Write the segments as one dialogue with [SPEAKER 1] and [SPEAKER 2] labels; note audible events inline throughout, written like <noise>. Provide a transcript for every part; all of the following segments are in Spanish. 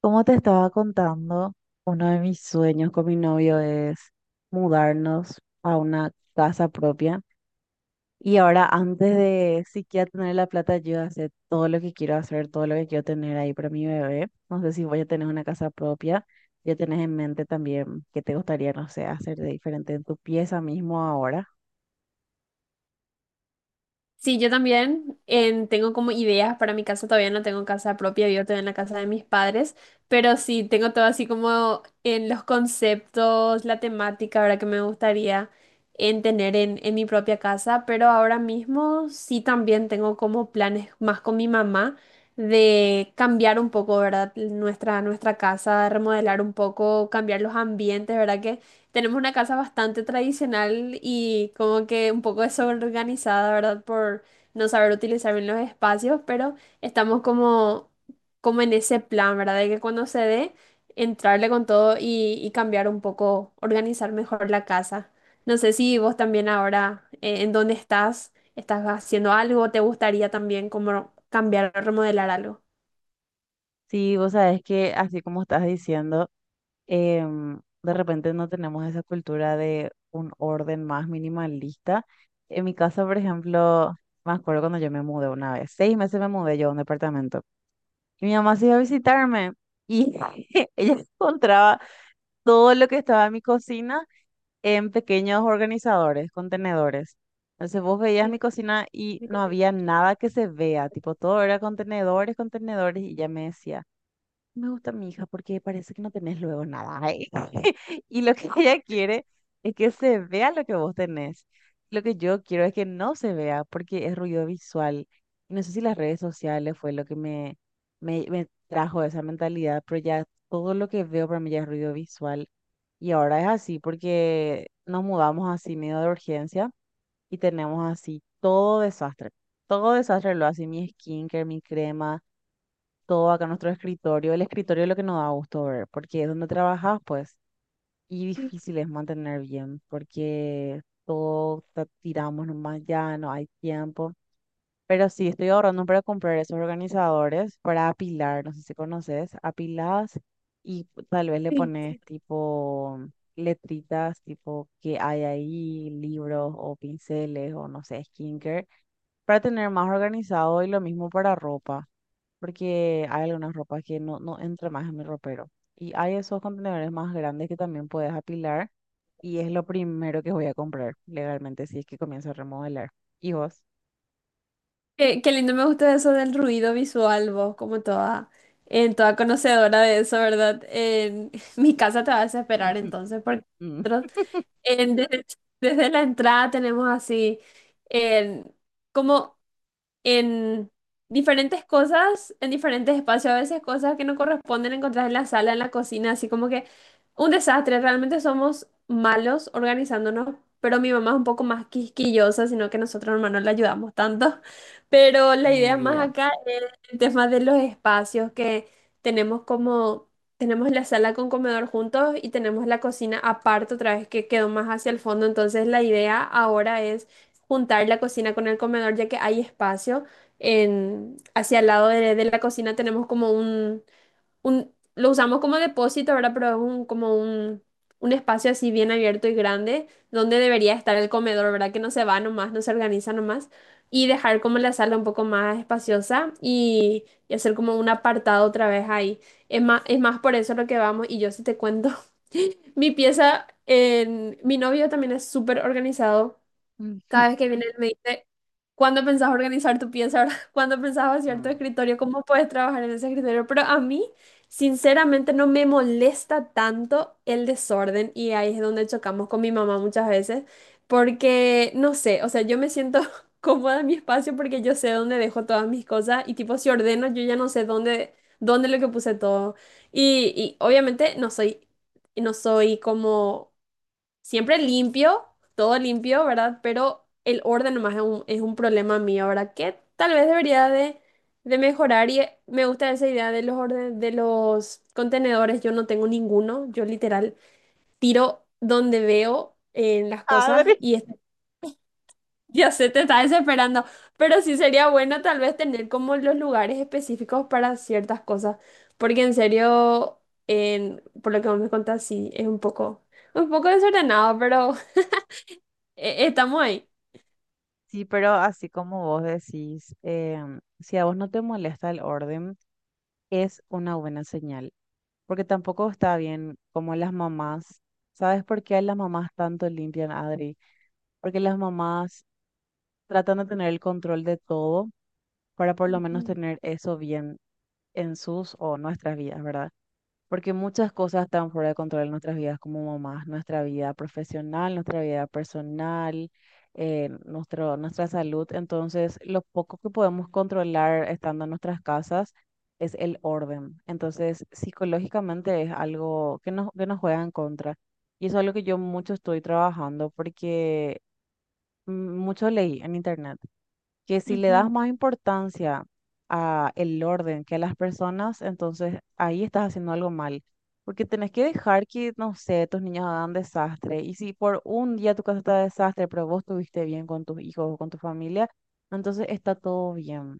[SPEAKER 1] Como te estaba contando, uno de mis sueños con mi novio es mudarnos a una casa propia. Y ahora, antes de siquiera tener la plata, yo hacer todo lo que quiero hacer, todo lo que quiero tener ahí para mi bebé. No sé si voy a tener una casa propia. Ya tenés en mente también qué te gustaría, no sé, hacer de diferente en tu pieza mismo ahora.
[SPEAKER 2] Sí, yo también tengo como ideas para mi casa, todavía no tengo casa propia, vivo todavía en la casa de mis padres, pero sí tengo todo así como en los conceptos, la temática, ¿verdad? Que me gustaría en tener en mi propia casa, pero ahora mismo sí también tengo como planes más con mi mamá de cambiar un poco, ¿verdad? Nuestra casa, remodelar un poco, cambiar los ambientes, ¿verdad? Tenemos una casa bastante tradicional y como que un poco desorganizada, ¿verdad? Por no saber utilizar bien los espacios, pero estamos como, como en ese plan, ¿verdad? De que cuando se dé, entrarle con todo y cambiar un poco, organizar mejor la casa. No sé si vos también ahora, en dónde estás, estás haciendo algo, te gustaría también como cambiar o remodelar algo.
[SPEAKER 1] Sí, vos sabés que así como estás diciendo. De repente no tenemos esa cultura de un orden más minimalista. En mi casa, por ejemplo, me acuerdo cuando yo me mudé una vez, 6 meses me mudé yo a un departamento y mi mamá se iba a visitarme y <laughs> ella encontraba todo lo que estaba en mi cocina en pequeños organizadores, contenedores. Entonces vos veías mi
[SPEAKER 2] Sí,
[SPEAKER 1] cocina y
[SPEAKER 2] me
[SPEAKER 1] no
[SPEAKER 2] contigo.
[SPEAKER 1] había nada que se vea, tipo todo era contenedores, contenedores y ella me decía. Me gusta mi hija porque parece que no tenés luego nada. Ay. <laughs> Y lo que ella quiere es que se vea lo que vos tenés. Lo que yo quiero es que no se vea porque es ruido visual. Y no sé si las redes sociales fue lo que me trajo esa mentalidad, pero ya todo lo que veo para mí ya es ruido visual. Y ahora es así porque nos mudamos así medio de urgencia y tenemos así todo desastre. Todo desastre lo hace mi skincare, mi crema todo acá en nuestro escritorio. El escritorio es lo que nos da gusto ver, porque es donde trabajas, pues, y
[SPEAKER 2] Sí.
[SPEAKER 1] difícil es mantener bien, porque todo tiramos nomás ya, no hay tiempo. Pero sí, estoy ahorrando para comprar esos organizadores para apilar, no sé si conoces, apiladas y tal vez le
[SPEAKER 2] Sí.
[SPEAKER 1] pones tipo letritas, tipo que hay ahí, libros o pinceles o no sé, skincare, para tener más organizado y lo mismo para ropa porque hay algunas ropas que no entra más en mi ropero. Y hay esos contenedores más grandes que también puedes apilar y es lo primero que voy a comprar legalmente si es que comienzo a remodelar. ¿Y vos?
[SPEAKER 2] Qué, qué lindo, me gusta eso del ruido visual, vos, como toda, en toda conocedora de eso, ¿verdad? En <laughs> mi casa te va a desesperar
[SPEAKER 1] <laughs>
[SPEAKER 2] entonces, porque
[SPEAKER 1] Mm,
[SPEAKER 2] nosotros en- desde, desde la entrada tenemos así, en, como en diferentes cosas, en diferentes espacios, a veces cosas que no corresponden encontrar en la sala, en la cocina, así como que un desastre, realmente somos malos organizándonos, pero mi mamá es un poco más quisquillosa, sino que nosotros hermanos no le ayudamos tanto, <laughs> pero la
[SPEAKER 1] mi
[SPEAKER 2] idea más
[SPEAKER 1] vida.
[SPEAKER 2] acá es el tema de los espacios que tenemos como... Tenemos la sala con comedor juntos y tenemos la cocina aparte otra vez que quedó más hacia el fondo. Entonces la idea ahora es juntar la cocina con el comedor, ya que hay espacio. En, hacia el lado de la cocina tenemos como un, lo usamos como depósito, ¿verdad? Pero es un, como un espacio así bien abierto y grande, donde debería estar el comedor, ¿verdad? Que no se va nomás, no se organiza nomás. Y dejar como la sala un poco más espaciosa y hacer como un apartado otra vez ahí. Es más por eso lo que vamos y yo sí te cuento. <laughs> Mi pieza, en, mi novio también es súper organizado.
[SPEAKER 1] <laughs>
[SPEAKER 2] Cada vez que viene él me dice, ¿cuándo pensás organizar tu pieza, ¿verdad? <laughs> ¿Cuándo pensás vaciar tu
[SPEAKER 1] Mm.
[SPEAKER 2] escritorio? ¿Cómo puedes trabajar en ese escritorio? Pero a mí, sinceramente, no me molesta tanto el desorden y ahí es donde chocamos con mi mamá muchas veces, porque, no sé, o sea, yo me siento <laughs> cómoda en mi espacio porque yo sé dónde dejo todas mis cosas y tipo, si ordeno, yo ya no sé dónde, dónde lo que puse todo. Y obviamente no soy, no soy como... Siempre limpio, todo limpio, ¿verdad? Pero el orden nomás es un problema mío, ¿verdad? Que tal vez debería de mejorar y me gusta esa idea de los orden, de los contenedores. Yo no tengo ninguno, yo literal tiro donde veo las cosas
[SPEAKER 1] Padre.
[SPEAKER 2] y es- <laughs> ya se te está desesperando. Pero sí sería bueno tal vez tener como los lugares específicos para ciertas cosas, porque en serio, en, por lo que vos me contás, sí, es un poco desordenado, pero... Estamos ahí.
[SPEAKER 1] Sí, pero así como vos decís, si a vos no te molesta el orden, es una buena señal, porque tampoco está bien como las mamás. ¿Sabes por qué las mamás tanto limpian, Adri? Porque las mamás tratan de tener el control de todo para por lo menos
[SPEAKER 2] Ujú.
[SPEAKER 1] tener eso bien en sus o nuestras vidas, ¿verdad? Porque muchas cosas están fuera de control en nuestras vidas como mamás, nuestra vida profesional, nuestra vida personal, nuestro, nuestra salud. Entonces, lo poco que podemos controlar estando en nuestras casas es el orden. Entonces, psicológicamente es algo que que nos juega en contra. Y eso es algo que yo mucho estoy trabajando porque mm, mucho leí en internet que si le das
[SPEAKER 2] Ujú.
[SPEAKER 1] más importancia a el orden que a las personas, entonces ahí estás haciendo algo mal. Porque tenés que dejar que, no sé, tus niños hagan desastre. Y si por un día tu casa está de desastre, pero vos estuviste bien con tus hijos o con tu familia, entonces está todo bien.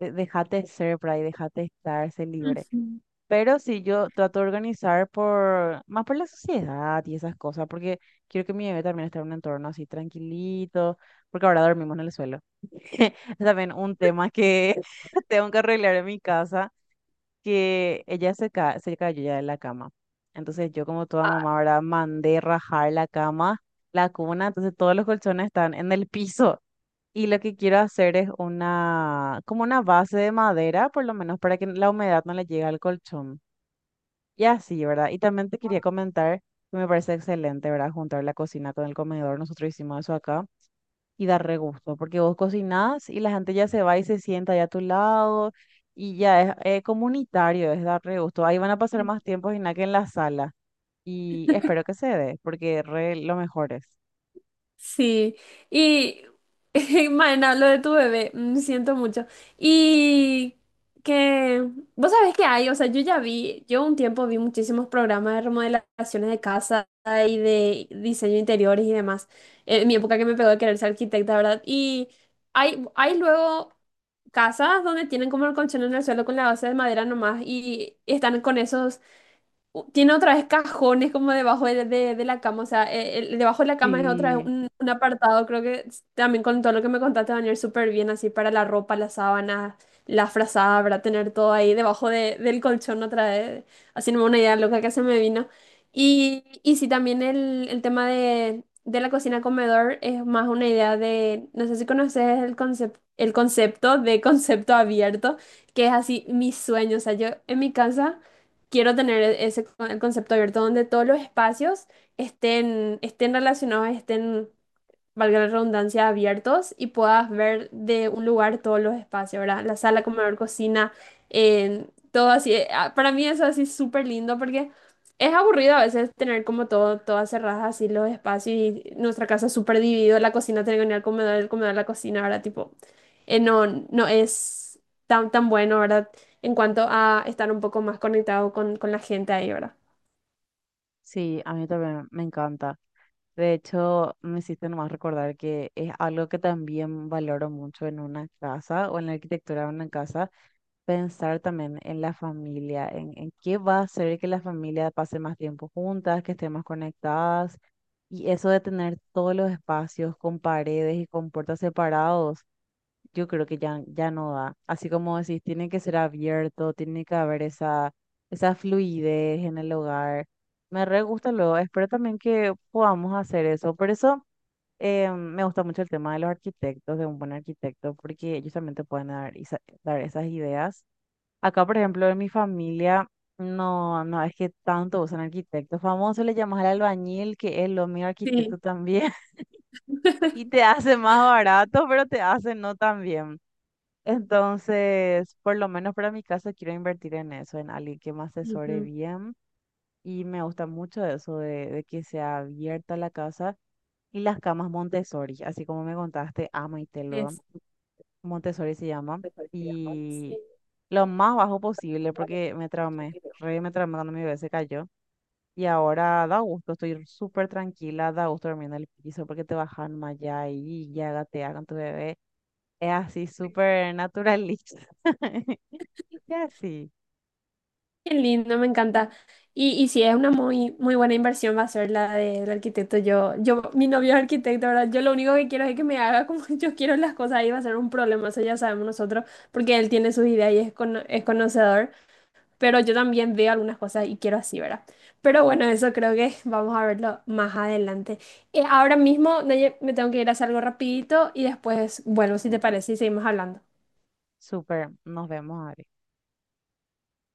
[SPEAKER 1] Déjate ser por ahí, déjate estar, sé libre.
[SPEAKER 2] Ujú.
[SPEAKER 1] Pero si yo trato de organizar más por la sociedad y esas cosas, porque quiero que mi bebé también esté en un entorno así tranquilito, porque ahora dormimos en el suelo. <laughs> También un tema que <laughs> tengo que arreglar en mi casa, que ella se cayó ya de la cama. Entonces yo como toda mamá, ¿verdad? Mandé rajar la cama, la cuna, entonces todos los colchones están en el piso. Y lo que quiero hacer es una, como una base de madera, por lo menos para que la humedad no le llegue al colchón. Y así, ¿verdad? Y también te quería comentar que me parece excelente, ¿verdad? Juntar la cocina con el comedor. Nosotros hicimos eso acá y da re gusto, porque vos cocinás y la gente ya se va y se sienta allá a tu lado y ya es, comunitario, es dar re gusto. Ahí van a pasar más tiempos y nada que en la sala y espero que se dé, porque re lo mejor es.
[SPEAKER 2] Sí. Y, <laughs> Maena, lo de tu bebé, siento mucho. Y que, vos sabés que hay, o sea, yo ya vi, yo un tiempo vi muchísimos programas de remodelaciones de casa y de diseño de interiores y demás. En mi época que me pegó de querer ser arquitecta, ¿verdad? Y hay luego casas donde tienen como el colchón en el suelo con la base de madera nomás y están con esos u- Tiene otra vez cajones como debajo de la cama, o sea, el- debajo de la cama es otra vez
[SPEAKER 1] Sí,
[SPEAKER 2] un apartado, creo que s- también con todo lo que me contaste van a ir súper bien, así para la ropa, las sábanas, la frazada, para tener todo ahí debajo de- del colchón otra vez, haciéndome una idea loca que se me vino. Y sí, también el tema de la cocina-comedor es más una idea de, no sé si conoces el concepto de <laughs> concepto abierto, que es así mi sueño, o sea, yo en mi casa quiero tener ese el concepto abierto donde todos los espacios estén relacionados, estén valga la redundancia, abiertos y puedas ver de un lugar todos los espacios, ¿verdad? La sala, comedor, cocina, en todo así. Para mí eso así súper lindo porque es aburrido a veces tener como todo, todas cerradas así los espacios y nuestra casa súper dividida, la cocina tiene que venir al comedor, el comedor a la cocina, ¿verdad? Tipo, no, no es tan, tan bueno, ¿verdad? En cuanto a estar un poco más conectado con la gente ahí, ¿verdad?
[SPEAKER 1] sí, a mí también me encanta. De hecho, me hiciste nomás recordar que es algo que también valoro mucho en una casa o en la arquitectura de una casa pensar también en la familia, en qué va a hacer que la familia pase más tiempo juntas, que estén más conectadas. Y eso de tener todos los espacios con paredes y con puertas separados, yo creo que ya no da. Así como decís, tiene que ser abierto, tiene que haber esa fluidez en el hogar. Me re gusta luego, espero también que podamos hacer eso. Por eso me gusta mucho el tema de los arquitectos, de un buen arquitecto, porque ellos también te pueden dar esas ideas. Acá, por ejemplo, en mi familia, no es que tanto usan arquitectos. Famoso le llamas al albañil, que es lo mío
[SPEAKER 2] Sí.
[SPEAKER 1] arquitecto también, <laughs> y te
[SPEAKER 2] <laughs>
[SPEAKER 1] hace más barato, pero te hace no tan bien. Entonces, por lo menos para mi caso, quiero invertir en eso, en alguien que me asesore
[SPEAKER 2] Ujú.
[SPEAKER 1] bien. Y me gusta mucho eso de que sea abierta la casa y las camas Montessori, así como me contaste, amo y te lo.
[SPEAKER 2] Es.
[SPEAKER 1] Montessori se llama, y lo más bajo posible porque me traumé, re me traumé cuando mi bebé se cayó. Y ahora da gusto, estoy súper tranquila, da gusto dormir en el piso porque te bajan más allá y ya gatea con tu bebé. Es así, súper naturalista. <laughs> Y así,
[SPEAKER 2] Qué lindo, me encanta. Y sí, es una muy, muy buena inversión, va a ser la del arquitecto. Yo, mi novio es arquitecto, ¿verdad? Yo lo único que quiero es que me haga como <laughs> yo quiero las cosas y va a ser un problema, eso ya sabemos nosotros, porque él tiene sus ideas y es, cono- es conocedor, pero yo también veo algunas cosas y quiero así, ¿verdad? Pero bueno, eso creo que <laughs> vamos a verlo más adelante. Ahora mismo, Naye, me tengo que ir a hacer algo rapidito y después, bueno, si te parece, y seguimos hablando.
[SPEAKER 1] súper, nos vemos, Ari.